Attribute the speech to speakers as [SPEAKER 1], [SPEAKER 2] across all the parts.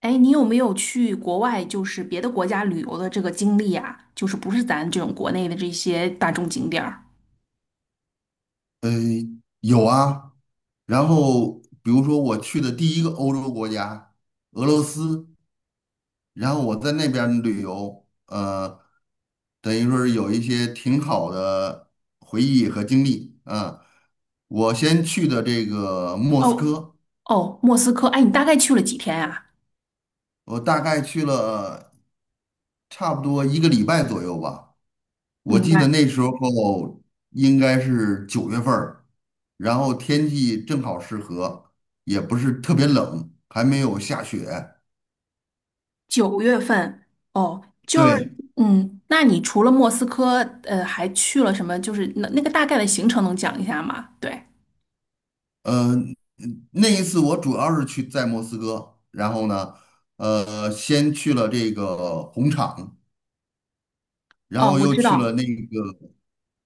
[SPEAKER 1] 哎，你有没有去国外，就是别的国家旅游的这个经历啊？就是不是咱这种国内的这些大众景点儿？
[SPEAKER 2] 呃，有啊。然后比如说我去的第一个欧洲国家俄罗斯，然后我在那边儿旅游，等于说是有一些挺好的回忆和经历啊。我先去的这个莫斯
[SPEAKER 1] 哦，
[SPEAKER 2] 科，
[SPEAKER 1] 哦，莫斯科，哎，你大概去了几天呀？
[SPEAKER 2] 我大概去了差不多一个礼拜左右吧。我
[SPEAKER 1] 明
[SPEAKER 2] 记
[SPEAKER 1] 白。
[SPEAKER 2] 得那时候应该是九月份儿，然后天气正好适合，也不是特别冷，还没有下雪。
[SPEAKER 1] 九月份。哦，就是，
[SPEAKER 2] 对，
[SPEAKER 1] 嗯，那你除了莫斯科，还去了什么？就是那个大概的行程能讲一下吗？对。
[SPEAKER 2] 嗯，那一次我主要是去在莫斯科，然后呢，先去了这个红场，然
[SPEAKER 1] 哦，
[SPEAKER 2] 后
[SPEAKER 1] 我
[SPEAKER 2] 又
[SPEAKER 1] 知
[SPEAKER 2] 去了
[SPEAKER 1] 道，
[SPEAKER 2] 那个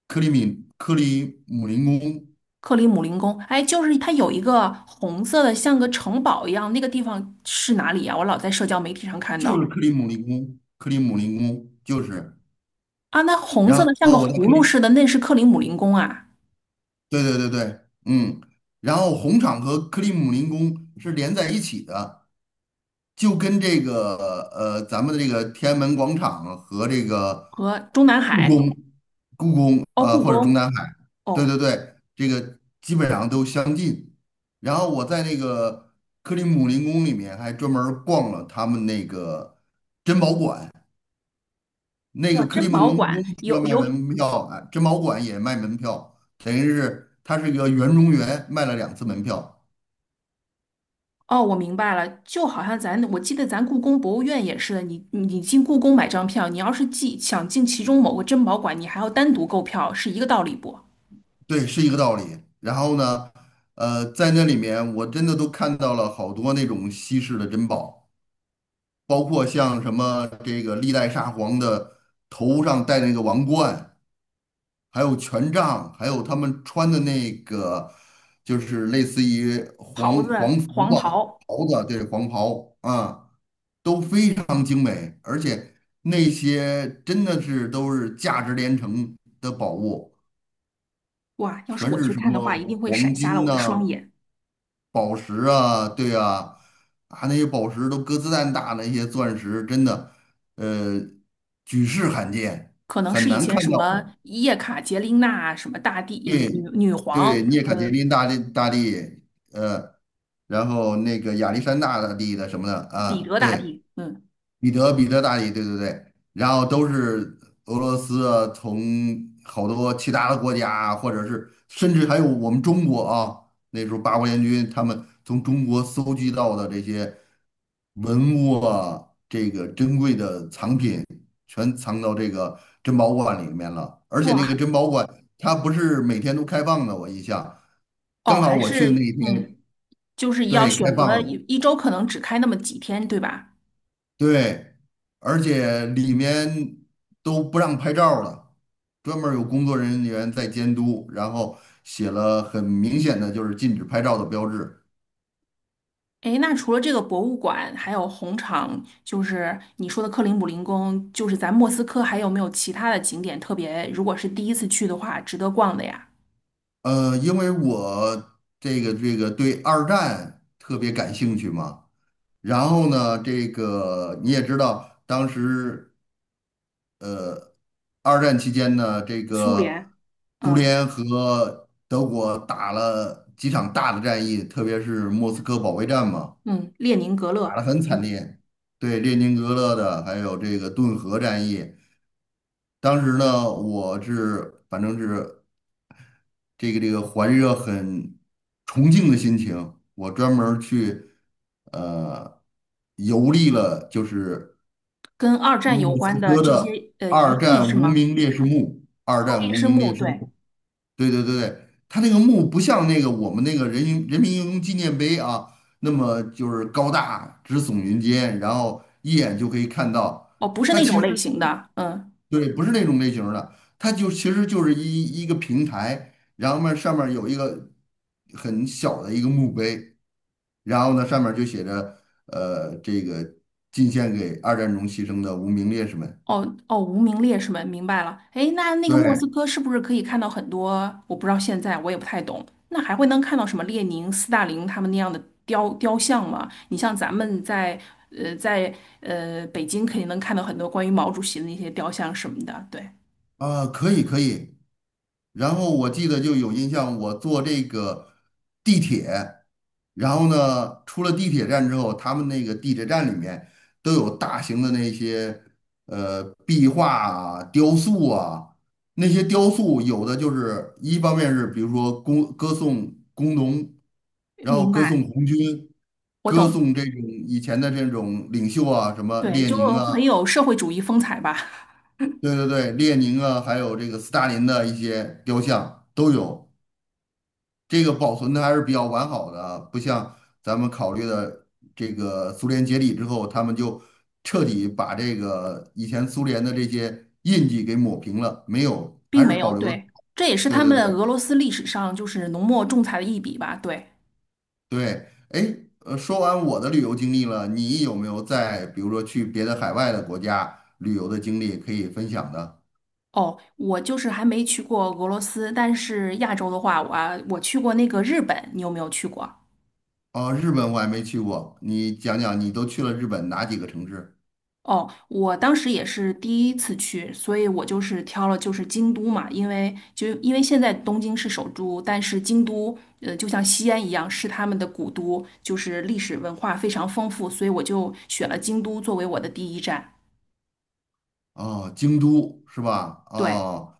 [SPEAKER 2] 克里姆林宫，
[SPEAKER 1] 克里姆林宫，哎，就是它有一个红色的，像个城堡一样，那个地方是哪里呀？我老在社交媒体上看
[SPEAKER 2] 就
[SPEAKER 1] 到。
[SPEAKER 2] 是克里姆林宫，克里姆林宫就是。
[SPEAKER 1] 啊，那红色
[SPEAKER 2] 然
[SPEAKER 1] 的像个
[SPEAKER 2] 后我在
[SPEAKER 1] 葫芦似的，那是克里姆林宫啊，
[SPEAKER 2] 对对对对，嗯，然后红场和克里姆林宫是连在一起的，就跟这个咱们的这个天安门广场和这个
[SPEAKER 1] 和中南
[SPEAKER 2] 故
[SPEAKER 1] 海。
[SPEAKER 2] 宫、故宫
[SPEAKER 1] 哦，
[SPEAKER 2] 呃
[SPEAKER 1] 故
[SPEAKER 2] 或者中
[SPEAKER 1] 宫。
[SPEAKER 2] 南海，对对
[SPEAKER 1] 哦。
[SPEAKER 2] 对，这个基本上都相近。然后我在那个克里姆林宫里面还专门儿逛了他们那个珍宝馆，那
[SPEAKER 1] 哇，
[SPEAKER 2] 个克
[SPEAKER 1] 珍
[SPEAKER 2] 里姆林
[SPEAKER 1] 宝馆
[SPEAKER 2] 宫除了
[SPEAKER 1] 有
[SPEAKER 2] 卖
[SPEAKER 1] 有
[SPEAKER 2] 门票啊，珍宝馆也卖门票，等于是它是一个园中园，卖了两次门票。
[SPEAKER 1] 哦，我明白了，就好像咱我记得咱故宫博物院也是的，你进故宫买张票，你要是进想进其中某个珍宝馆，你还要单独购票，是一个道理不？
[SPEAKER 2] 对，是一个道理。然后呢，在那里面我真的都看到了好多那种稀世的珍宝，包括像什么这个历代沙皇的头上戴那个王冠，还有权杖，还有他们穿的那个就是类似于
[SPEAKER 1] 袍
[SPEAKER 2] 皇
[SPEAKER 1] 子
[SPEAKER 2] 皇服
[SPEAKER 1] 黄
[SPEAKER 2] 吧，
[SPEAKER 1] 袍。
[SPEAKER 2] 袍子啊，对，皇袍啊，都非常精美，而且那些真的是都是价值连城的宝物。
[SPEAKER 1] 哇，要是
[SPEAKER 2] 全
[SPEAKER 1] 我
[SPEAKER 2] 是
[SPEAKER 1] 去
[SPEAKER 2] 什
[SPEAKER 1] 看的话，
[SPEAKER 2] 么
[SPEAKER 1] 一定会闪
[SPEAKER 2] 黄
[SPEAKER 1] 瞎了
[SPEAKER 2] 金
[SPEAKER 1] 我的双
[SPEAKER 2] 呐、
[SPEAKER 1] 眼。
[SPEAKER 2] 宝石啊，对啊，啊那些宝石都鸽子蛋大，那些钻石真的，呃，举世罕见，
[SPEAKER 1] 可能
[SPEAKER 2] 很
[SPEAKER 1] 是以
[SPEAKER 2] 难看
[SPEAKER 1] 前什
[SPEAKER 2] 到的。
[SPEAKER 1] 么叶卡捷琳娜啊、什么大帝、
[SPEAKER 2] 对，
[SPEAKER 1] 女女
[SPEAKER 2] 对，
[SPEAKER 1] 皇，
[SPEAKER 2] 涅卡捷琳大帝大帝，呃，然后那个亚历山大大帝的什么的
[SPEAKER 1] 彼
[SPEAKER 2] 啊，
[SPEAKER 1] 得大
[SPEAKER 2] 对。
[SPEAKER 1] 帝，嗯。
[SPEAKER 2] 彼得大帝，对对对，然后都是俄罗斯啊从好多其他的国家啊或者是甚至还有我们中国啊，那时候八国联军他们从中国搜集到的这些文物啊，这个珍贵的藏品，全藏到这个珍宝馆里面了。而且那个
[SPEAKER 1] 哇。
[SPEAKER 2] 珍宝馆它不是每天都开放的，我印象，
[SPEAKER 1] 哦，
[SPEAKER 2] 刚好
[SPEAKER 1] 还
[SPEAKER 2] 我去的那
[SPEAKER 1] 是
[SPEAKER 2] 一
[SPEAKER 1] 嗯，
[SPEAKER 2] 天，
[SPEAKER 1] 就是要
[SPEAKER 2] 对，开
[SPEAKER 1] 选
[SPEAKER 2] 放
[SPEAKER 1] 择一
[SPEAKER 2] 了。
[SPEAKER 1] 一周可能只开那么几天，对吧？
[SPEAKER 2] 对，而且里面都不让拍照了，专门儿有工作人员在监督，然后写了很明显的就是禁止拍照的标志。
[SPEAKER 1] 诶，那除了这个博物馆，还有红场，就是你说的克林姆林宫，就是咱莫斯科还有没有其他的景点特别？如果是第一次去的话，值得逛的呀？
[SPEAKER 2] 因为我这个对二战特别感兴趣嘛，然后呢，这个你也知道，当时二战期间呢，这
[SPEAKER 1] 苏
[SPEAKER 2] 个
[SPEAKER 1] 联，
[SPEAKER 2] 苏
[SPEAKER 1] 嗯。
[SPEAKER 2] 联和德国打了几场大的战役，特别是莫斯科保卫战嘛。
[SPEAKER 1] 嗯，列宁格
[SPEAKER 2] 打得
[SPEAKER 1] 勒，
[SPEAKER 2] 很惨
[SPEAKER 1] 嗯，
[SPEAKER 2] 烈，对列宁格勒的，还有这个顿河战役，当时呢，我是反正是这个怀着很崇敬的心情，我专门儿去呃游历了，就是
[SPEAKER 1] 跟二战有
[SPEAKER 2] 莫
[SPEAKER 1] 关
[SPEAKER 2] 斯
[SPEAKER 1] 的
[SPEAKER 2] 科
[SPEAKER 1] 这
[SPEAKER 2] 的
[SPEAKER 1] 些遗
[SPEAKER 2] 二
[SPEAKER 1] 迹
[SPEAKER 2] 战
[SPEAKER 1] 是
[SPEAKER 2] 无
[SPEAKER 1] 吗？
[SPEAKER 2] 名烈士墓，二
[SPEAKER 1] 哦，
[SPEAKER 2] 战
[SPEAKER 1] 烈
[SPEAKER 2] 无
[SPEAKER 1] 士
[SPEAKER 2] 名
[SPEAKER 1] 墓，
[SPEAKER 2] 烈士
[SPEAKER 1] 对。
[SPEAKER 2] 墓。对对对对，它那个墓不像那个我们那个人民英雄纪念碑啊，那么就是高大直耸云间，然后一眼就可以看到。
[SPEAKER 1] 哦，不是
[SPEAKER 2] 它
[SPEAKER 1] 那
[SPEAKER 2] 其
[SPEAKER 1] 种
[SPEAKER 2] 实
[SPEAKER 1] 类型的，嗯。
[SPEAKER 2] 对，不是那种类型儿的，它就其实就是一个平台，然后面上面有一个很小的一个墓碑，然后呢上面就写着这个进献给二战中牺牲的无名烈士们。
[SPEAKER 1] 哦哦，无名烈士们，明白了。哎，那那个莫
[SPEAKER 2] 对
[SPEAKER 1] 斯科是不是可以看到很多？我不知道现在我也不太懂。那还会能看到什么列宁、斯大林他们那样的雕像吗？你像咱们在呃在北京肯定能看到很多关于毛主席的那些雕像什么的。对。
[SPEAKER 2] 啊，可以可以，然后我记得就有印象，我坐这个地铁，然后呢，出了地铁站之后，他们那个地铁站里面都有大型的那些壁画啊、雕塑啊，那些雕塑有的就是一方面是比如说歌颂工农，然后
[SPEAKER 1] 明
[SPEAKER 2] 歌颂
[SPEAKER 1] 白。
[SPEAKER 2] 红军，
[SPEAKER 1] 我
[SPEAKER 2] 歌
[SPEAKER 1] 懂。
[SPEAKER 2] 颂这种以前的这种领袖啊，什么
[SPEAKER 1] 对，
[SPEAKER 2] 列
[SPEAKER 1] 就
[SPEAKER 2] 宁啊，
[SPEAKER 1] 很有社会主义风采吧。
[SPEAKER 2] 对对对，列宁啊，还有这个斯大林的一些雕像都有。这个保存的还是比较完好的啊，不像咱们考虑的这个苏联解体之后，他们就彻底把这个以前苏联的这些印记给抹平了，没有，还
[SPEAKER 1] 并
[SPEAKER 2] 是
[SPEAKER 1] 没有。
[SPEAKER 2] 保留的。
[SPEAKER 1] 对，这也是
[SPEAKER 2] 对
[SPEAKER 1] 他
[SPEAKER 2] 对对
[SPEAKER 1] 们俄罗斯历史上就是浓墨重彩的一笔吧。对。
[SPEAKER 2] 对，哎，说完我的旅游经历了，你有没有在比如说去别的海外的国家旅游的经历可以分享的？
[SPEAKER 1] 哦，我就是还没去过俄罗斯，但是亚洲的话，我去过那个日本，你有没有去过？
[SPEAKER 2] 哦，日本我还没去过，你讲讲你都去了日本哪几个城市？
[SPEAKER 1] 哦，我当时也是第一次去，所以我就是挑了就是京都嘛，因为因为现在东京是首都，但是京都就像西安一样是他们的古都，就是历史文化非常丰富，所以我就选了京都作为我的第一站。
[SPEAKER 2] 哦，京都是吧？
[SPEAKER 1] 对，
[SPEAKER 2] 哦。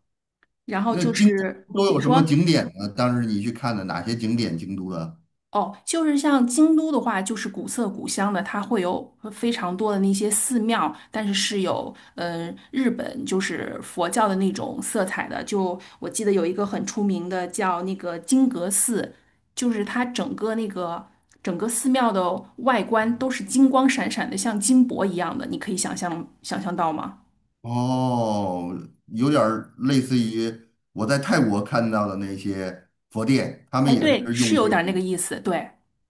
[SPEAKER 1] 然后
[SPEAKER 2] 那
[SPEAKER 1] 就
[SPEAKER 2] 京都
[SPEAKER 1] 是
[SPEAKER 2] 都
[SPEAKER 1] 你
[SPEAKER 2] 有什么
[SPEAKER 1] 说。
[SPEAKER 2] 景点呢？当时你去看的哪些景点？京都的
[SPEAKER 1] 哦，就是像京都的话，就是古色古香的，它会有非常多的那些寺庙，但是是有嗯、日本就是佛教的那种色彩的。就我记得有一个很出名的叫那个金阁寺，就是它整个那个整个寺庙的外观都是金光闪闪的，像金箔一样的，你可以想象到吗？
[SPEAKER 2] 哦，有点儿类似于我在泰国看到的那些佛殿，他们
[SPEAKER 1] 哎，
[SPEAKER 2] 也
[SPEAKER 1] 对，
[SPEAKER 2] 是
[SPEAKER 1] 是
[SPEAKER 2] 用
[SPEAKER 1] 有
[SPEAKER 2] 这
[SPEAKER 1] 点儿那个
[SPEAKER 2] 种
[SPEAKER 1] 意思，对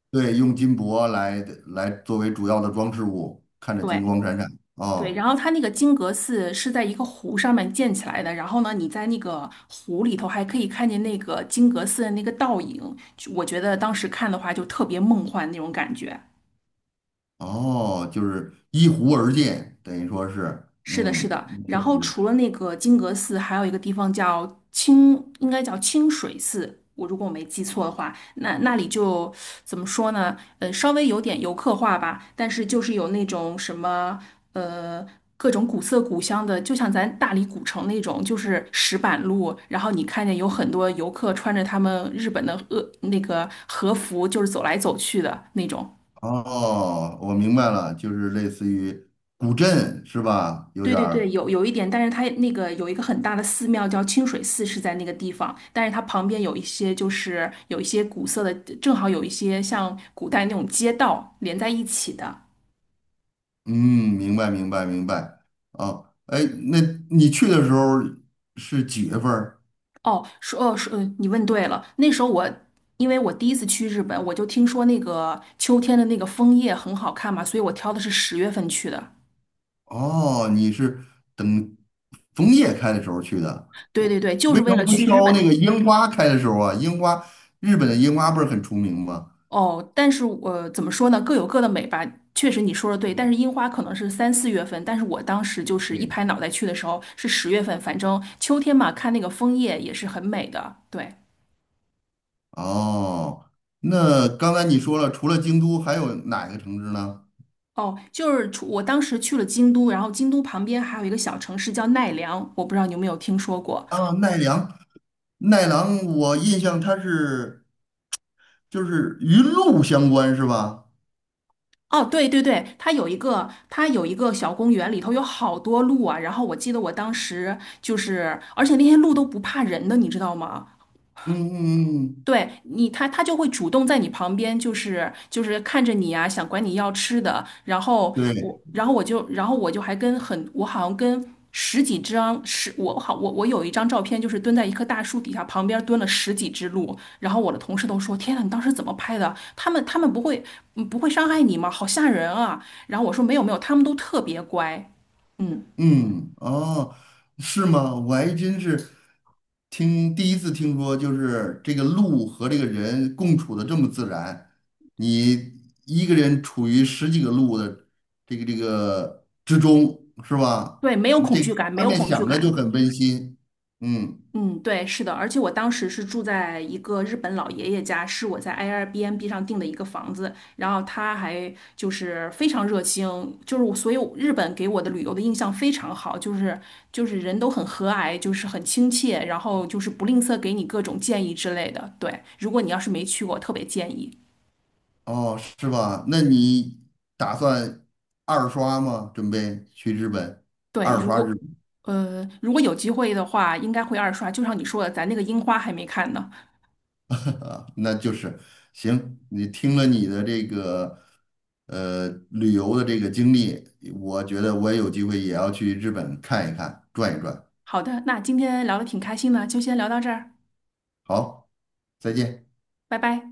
[SPEAKER 2] 对用金箔来作为主要的装饰物，看着金
[SPEAKER 1] 对。
[SPEAKER 2] 光闪闪。
[SPEAKER 1] 对，
[SPEAKER 2] 哦
[SPEAKER 1] 然后它那个金阁寺是在一个湖上面建起来的，然后呢，你在那个湖里头还可以看见那个金阁寺的那个倒影，就我觉得当时看的话就特别梦幻那种感觉。
[SPEAKER 2] 哦，就是依湖而建，等于说是，
[SPEAKER 1] 是的，是
[SPEAKER 2] 嗯，
[SPEAKER 1] 的。
[SPEAKER 2] 确
[SPEAKER 1] 然后
[SPEAKER 2] 实。
[SPEAKER 1] 除了那个金阁寺，还有一个地方叫清，应该叫清水寺。我如果我没记错的话，那那里就怎么说呢？稍微有点游客化吧，但是就是有那种什么呃各种古色古香的，就像咱大理古城那种，就是石板路。然后你看见有很多游客穿着他们日本的那个和服，就是走来走去的那种。
[SPEAKER 2] 哦，我明白了，就是类似于古镇是吧？有
[SPEAKER 1] 对
[SPEAKER 2] 点
[SPEAKER 1] 对对，
[SPEAKER 2] 儿。
[SPEAKER 1] 有有一点，但是它那个有一个很大的寺庙叫清水寺，是在那个地方，但是它旁边有一些就是有一些古色的，正好有一些像古代那种街道连在一起的。
[SPEAKER 2] 嗯，明白明白明白。哦，哎，那你去的时候是几月份儿？
[SPEAKER 1] 哦，说哦说，你问对了，那时候我因为我第一次去日本，我就听说那个秋天的那个枫叶很好看嘛，所以我挑的是十月份去的。
[SPEAKER 2] 哦，你是等枫叶开的时候去的。
[SPEAKER 1] 对
[SPEAKER 2] 我
[SPEAKER 1] 对对，就是
[SPEAKER 2] 为什
[SPEAKER 1] 为了
[SPEAKER 2] 么不
[SPEAKER 1] 去日
[SPEAKER 2] 挑那个
[SPEAKER 1] 本。
[SPEAKER 2] 樱花开的时候啊？樱花，日本的樱花不是很出名吗？
[SPEAKER 1] 哦，但是我怎么说呢？各有各的美吧。确实你说的对，但
[SPEAKER 2] 嗯，
[SPEAKER 1] 是樱花可能是三四月份，但是我当时就是一
[SPEAKER 2] 对。
[SPEAKER 1] 拍脑袋去的时候是十月份，反正秋天嘛，看那个枫叶也是很美的。对。
[SPEAKER 2] 哦，那刚才你说了，除了京都，还有哪个城市呢？
[SPEAKER 1] 哦，就是除我当时去了京都，然后京都旁边还有一个小城市叫奈良，我不知道你有没有听说过。
[SPEAKER 2] 啊，奈良，奈良，我印象它是就是与鹿相关是吧？
[SPEAKER 1] 哦，对对对，它有一个，它有一个小公园，里头有好多鹿啊。然后我记得我当时就是，而且那些鹿都不怕人的，你知道吗？
[SPEAKER 2] 嗯嗯嗯，嗯
[SPEAKER 1] 对你，他就会主动在你旁边，就是看着你啊，想管你要吃的。然后
[SPEAKER 2] 对。
[SPEAKER 1] 我，然后我就，然后我就还跟很，我好像跟十几张十，我好我我有一张照片，就是蹲在一棵大树底下，旁边蹲了十几只鹿。然后我的同事都说："天呐，你当时怎么拍的？他们不会不会伤害你吗？好吓人啊！"然后我说："没有没有，他们都特别乖，嗯，
[SPEAKER 2] 嗯，哦，是吗？我还真是第一次听说，就是这个鹿和这个人共处的这么自然。你一个人处于十几个鹿的这个之中，是吧？
[SPEAKER 1] 对，没有
[SPEAKER 2] 你
[SPEAKER 1] 恐
[SPEAKER 2] 这个
[SPEAKER 1] 惧感，没
[SPEAKER 2] 画
[SPEAKER 1] 有
[SPEAKER 2] 面
[SPEAKER 1] 恐惧
[SPEAKER 2] 想着就
[SPEAKER 1] 感。"
[SPEAKER 2] 很温馨。嗯，
[SPEAKER 1] 嗯，对，是的，而且我当时是住在一个日本老爷爷家，是我在 Airbnb 上订的一个房子，然后他还就是非常热情，就是我，所以我日本给我的旅游的印象非常好，就是就是人都很和蔼，就是很亲切，然后就是不吝啬给你各种建议之类的。对，如果你要是没去过，特别建议。
[SPEAKER 2] 哦，是吧？那你打算二刷吗？准备去日本
[SPEAKER 1] 对，
[SPEAKER 2] 二
[SPEAKER 1] 如
[SPEAKER 2] 刷日
[SPEAKER 1] 果
[SPEAKER 2] 本？
[SPEAKER 1] 如果有机会的话，应该会二刷，就像你说的，咱那个樱花还没看呢。
[SPEAKER 2] 啊，那就是行。你听了你的这个旅游的这个经历，我觉得我也有机会也要去日本看一看，转一转。
[SPEAKER 1] 好的，那今天聊的挺开心的，就先聊到这儿，
[SPEAKER 2] 好，再见。
[SPEAKER 1] 拜拜。